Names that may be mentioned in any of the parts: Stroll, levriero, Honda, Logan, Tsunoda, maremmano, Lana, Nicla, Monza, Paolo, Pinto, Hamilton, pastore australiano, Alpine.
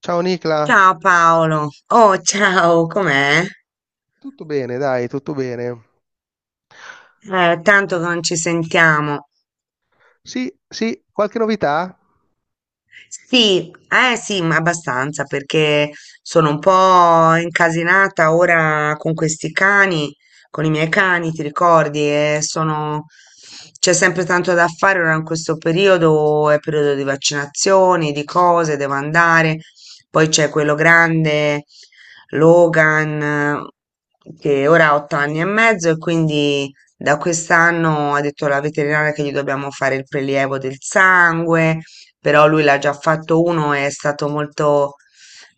Ciao Nicla, Ciao Paolo, oh ciao, com'è? tutto bene, dai, tutto bene. Tanto che non ci sentiamo. Sì, sì, qualche novità? Sì, eh sì, ma abbastanza perché sono un po' incasinata ora con questi cani, con i miei cani, ti ricordi? E sono... C'è sempre tanto da fare ora in questo periodo, è periodo di vaccinazioni, di cose, devo andare. Poi c'è quello grande, Logan, che ora ha 8 anni e mezzo e quindi da quest'anno ha detto la veterinaria che gli dobbiamo fare il prelievo del sangue, però lui l'ha già fatto uno, è stato molto,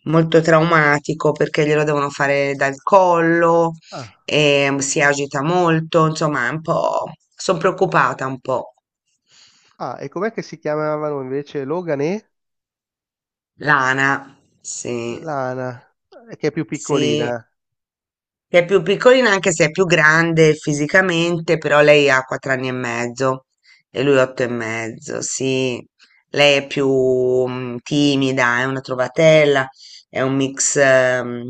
molto traumatico perché glielo devono fare dal collo, Ah, e si agita molto, insomma, è un po', sono preoccupata un po'. ah, e com'è che si chiamavano invece Logan e Lana, sì, Lana, che è più sì. piccolina? Che è più piccolina anche se è più grande fisicamente, però lei ha 4 anni e mezzo e lui 8 e mezzo, sì. Lei è più timida, è una trovatella, è un mix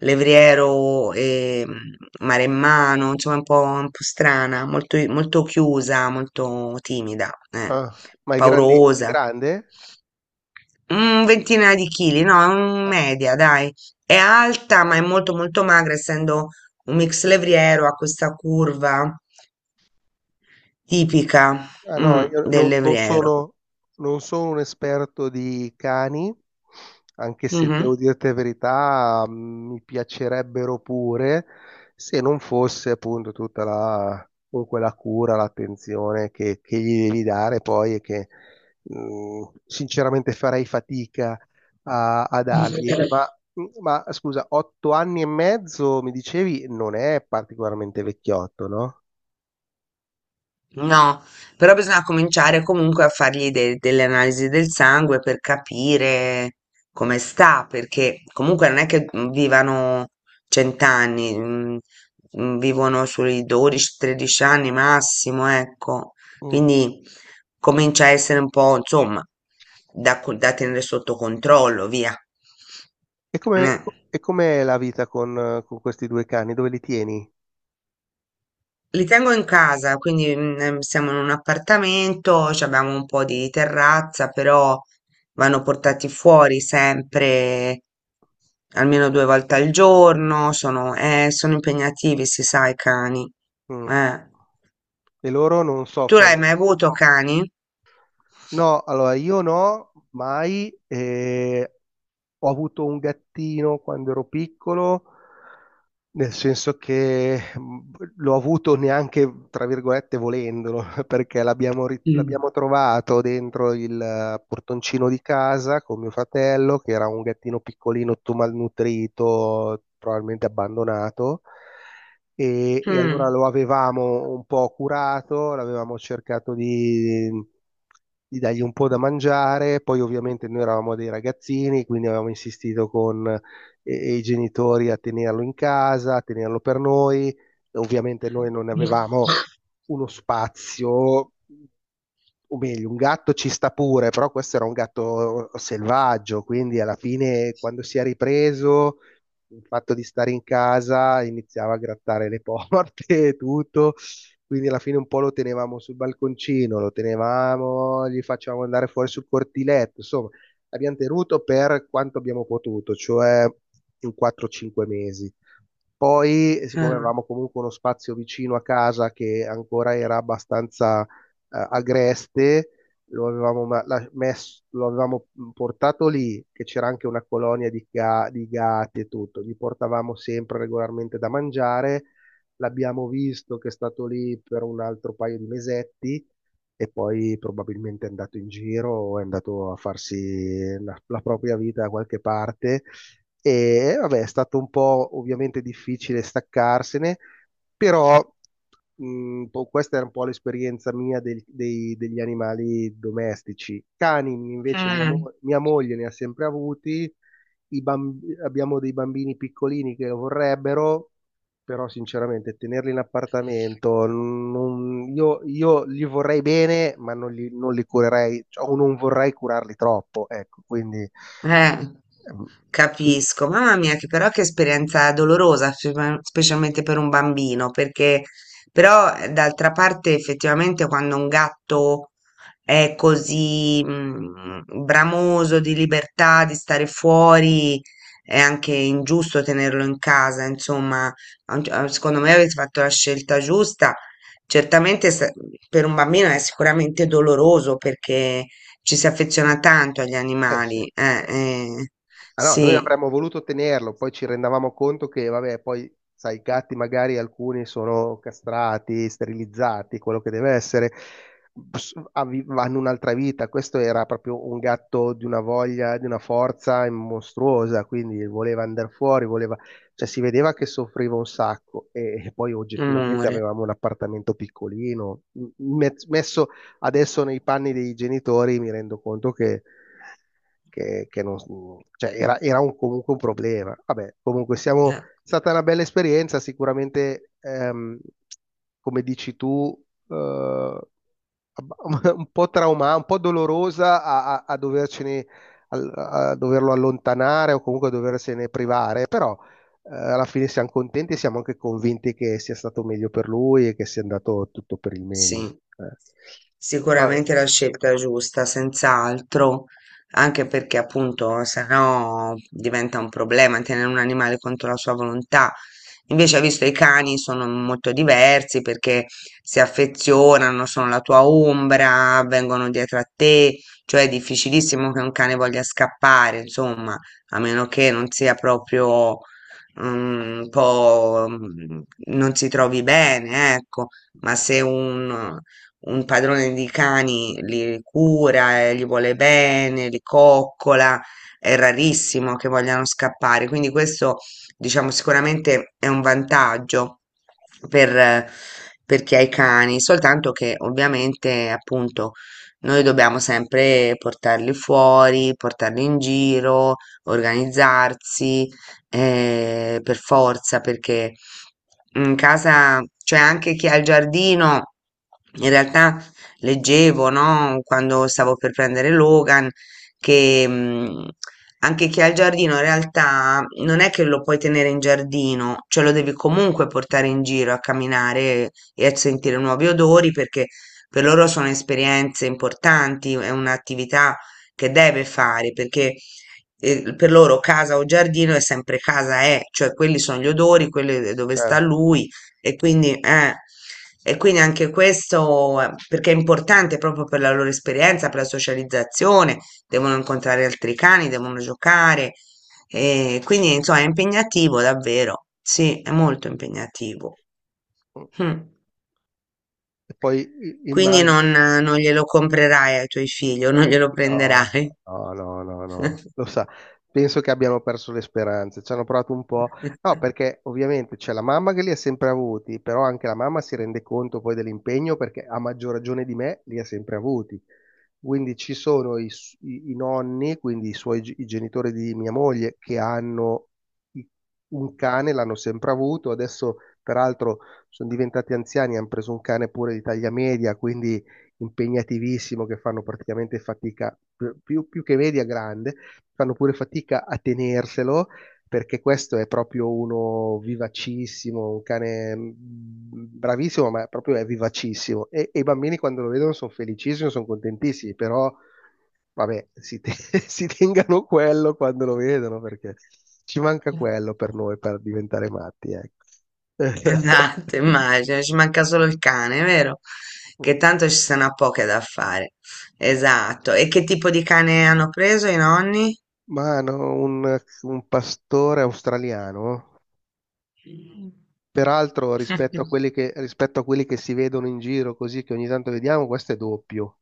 levriero e maremmano, insomma un po' strana, molto, molto chiusa, molto timida, Ah, ma è paurosa. grande? Una ventina di chili, no, è un Ah. media, dai. È alta, ma è molto molto magra, essendo un mix levriero, ha questa curva tipica, Ah, no, io del non levriero. sono, non sono un esperto di cani, anche se devo Mhm. dirti la verità, mi piacerebbero pure, se non fosse appunto tutta la, comunque la cura, l'attenzione che gli devi dare poi e che sinceramente farei fatica a dargli. Ma scusa, otto anni e mezzo mi dicevi non è particolarmente vecchiotto, no? No, però bisogna cominciare comunque a fargli delle analisi del sangue per capire come sta, perché comunque non è che vivano 100 anni, vivono sui 12-13 anni massimo, ecco. Quindi comincia a essere un po', insomma, da tenere sotto controllo, via. E come, Eh. co- e com'è la vita con questi due cani? Dove li tieni? Li tengo in casa, quindi siamo in un appartamento, ci abbiamo un po' di terrazza, però vanno portati fuori sempre almeno 2 volte al giorno, sono, sono impegnativi, si sa, i cani. Mm. Eh. E loro non Tu l'hai soffrono? mai avuto cani? No, allora io no, mai. Ho avuto un gattino quando ero piccolo, nel senso che l'ho avuto neanche, tra virgolette, volendolo, perché Mm. l'abbiamo trovato dentro il portoncino di casa con mio fratello, che era un gattino piccolino, tutto malnutrito, probabilmente abbandonato e, allora Mm. lo avevamo un po' curato, l'avevamo cercato di, dargli un po' da mangiare, poi ovviamente noi eravamo dei ragazzini, quindi avevamo insistito con i genitori a tenerlo in casa, a tenerlo per noi, e ovviamente noi non Mm. avevamo uno spazio o meglio, un gatto ci sta pure, però questo era un gatto selvaggio, quindi alla fine quando si è ripreso il fatto di stare in casa iniziava a grattare le porte e tutto, quindi alla fine un po' lo tenevamo sul balconcino, lo tenevamo, gli facevamo andare fuori sul cortiletto, insomma, abbiamo tenuto per quanto abbiamo potuto, cioè in 4-5 mesi. Poi, Eh. siccome avevamo comunque uno spazio vicino a casa che ancora era abbastanza agreste, lo avevamo, ma- la- messo- lo avevamo portato lì, che c'era anche una colonia di gatti e tutto, gli portavamo sempre regolarmente da mangiare, l'abbiamo visto che è stato lì per un altro paio di mesetti e poi probabilmente è andato in giro o è andato a farsi la propria vita da qualche parte. E vabbè, è stato un po' ovviamente difficile staccarsene, però questa era un po' l'esperienza mia degli animali domestici. Cani invece Mm. Mia moglie ne ha sempre avuti, abbiamo dei bambini piccolini che lo vorrebbero, però sinceramente tenerli in appartamento, io li vorrei bene, ma non li curerei, cioè, o non vorrei curarli troppo, ecco, quindi Eh, ehm, chi- capisco. Mamma mia, che però che esperienza dolorosa, specialmente per un bambino, perché però d'altra parte effettivamente quando un gatto è così bramoso di libertà, di stare fuori, è anche ingiusto tenerlo in casa, insomma, a un gi- a- secondo me avete fatto la scelta giusta. Certamente per un bambino è sicuramente doloroso perché ci si affeziona tanto agli eh sì, animali, eh sì. Ah no, noi sì, avremmo voluto tenerlo, poi ci rendavamo conto che, vabbè, poi, sai, i gatti magari alcuni sono castrati, sterilizzati, quello che deve essere, hanno un'altra vita. Questo era proprio un gatto di una voglia, di una forza mostruosa, quindi voleva andare fuori, voleva. Cioè, si vedeva che soffriva un sacco e poi oggettivamente amore. avevamo un appartamento piccolino. Messo adesso nei panni dei genitori mi rendo conto che non, cioè comunque un problema. Vabbè, comunque siamo, è Eh. stata una bella esperienza, sicuramente, come dici tu, eh, un po' trauma, un po' dolorosa a dovercene, doverlo allontanare o comunque a doversene privare, però alla fine siamo contenti e siamo anche convinti che sia stato meglio per lui e che sia andato tutto per il meglio. Sì, Vabbè, sicuramente la scelta giusta, senz'altro, anche perché appunto sennò diventa un problema tenere un animale contro la sua volontà. Invece, visto i cani sono molto diversi perché si affezionano, sono la tua ombra, vengono dietro a te, cioè è difficilissimo che un cane voglia scappare, insomma, a meno che non sia proprio un po' non si trovi bene, ecco. Ma se un, un padrone di cani li cura, e gli vuole bene, li coccola, è rarissimo che vogliano scappare. Quindi questo, diciamo, sicuramente è un vantaggio per, eh, per chi ha i cani, soltanto che ovviamente, appunto, noi dobbiamo sempre portarli fuori, portarli in giro, organizzarsi, per forza, perché in casa, c'è anche chi ha il giardino. In realtà leggevo, no, quando stavo per prendere Logan, che anche chi ha il giardino in realtà non è che lo puoi tenere in giardino, cioè lo devi comunque portare in giro a camminare e a sentire nuovi odori perché per loro sono esperienze importanti, è un'attività che deve fare perché per loro casa o giardino è sempre casa, cioè quelli sono gli odori, quelli dove sta certo. lui e quindi, eh, e quindi anche questo, perché è importante proprio per la loro esperienza, per la socializzazione, devono incontrare altri cani, devono giocare, e quindi insomma è impegnativo davvero, sì, è molto impegnativo. Mm. E poi Quindi immagino. Non glielo comprerai ai tuoi figli o non glielo No, prenderai. no, no, no, no. Lo sa, penso che abbiano perso le speranze. Ci hanno provato un po'. No, perché ovviamente c'è la mamma che li ha sempre avuti, però anche la mamma si rende conto poi dell'impegno perché a maggior ragione di me li ha sempre avuti. Quindi ci sono i nonni, quindi i genitori di mia moglie, che hanno i- un cane, l'hanno sempre avuto. Adesso, peraltro, sono diventati anziani, hanno preso un cane pure di taglia media, quindi impegnativissimo che fanno praticamente fatica, più, più che media grande, fanno pure fatica a tenerselo perché questo è proprio uno vivacissimo, un cane bravissimo, ma proprio è vivacissimo. E i bambini quando lo vedono sono felicissimi, sono contentissimi, però vabbè, si tengano quello quando lo vedono perché ci manca quello per noi per diventare matti, ecco. Esatto, immagino, ci manca solo il cane, vero? Che Oh. tanto ci sono a poche da fare. Esatto. E che tipo di cane hanno preso i nonni? Mano, un pastore australiano. Peraltro, rispetto a quelli che, rispetto a quelli che si vedono in giro, così che ogni tanto vediamo, questo è doppio.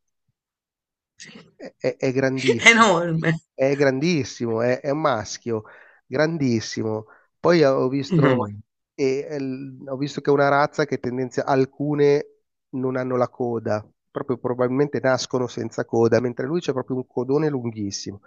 È grandissimo, Enorme. è grandissimo, è un maschio, grandissimo. Poi ho visto, Mm. E l- ho visto che è una razza che tendenzia, alcune non hanno la coda, proprio probabilmente nascono senza coda, mentre lui c'è proprio un codone lunghissimo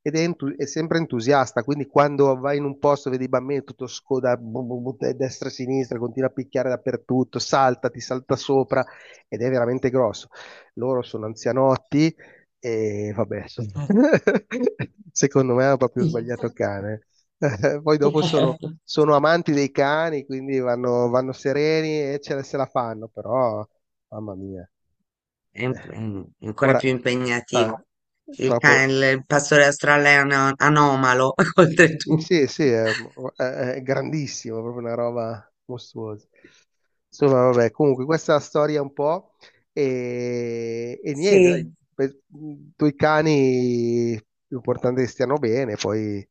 ed è, è sempre entusiasta, quindi quando vai in un posto, vedi i bambini tutto scoda, bu- bu- bu- e destra e sinistra, continua a picchiare dappertutto, salta, ti salta sopra ed è veramente grosso. Loro sono anzianotti e vabbè, insomma, secondo me hanno proprio È sbagliato cane. Poi dopo sono amanti dei cani, quindi vanno sereni e se la fanno, però, mamma mia. Eh, è ancora Ora, più ah, impegnativo. Il cane, proprio, il pastore australiano è anomalo, sì, oltretutto. sì, sì, è, è- è grandissimo, è proprio una roba mostruosa. Insomma, vabbè, comunque questa è la storia un po' e niente, dai, Sì, due cani, l'importante è che stiano bene, poi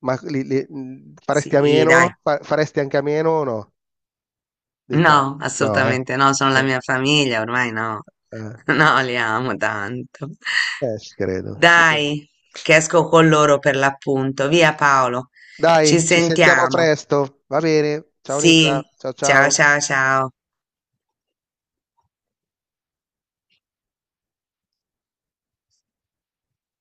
ma faresti a sì, dai. meno, faresti anche a meno o no dei No, cani? No, eh? assolutamente no, sono la No, mia famiglia, ormai no. eh, No, li amo tanto. Ci credo, ci credo. Dai, che esco con loro per l'appunto. Via Paolo, ci Dai, ci sentiamo sentiamo. presto, va bene, ciao Sì, Nicla, ciao ciao ciao. ciao ciao.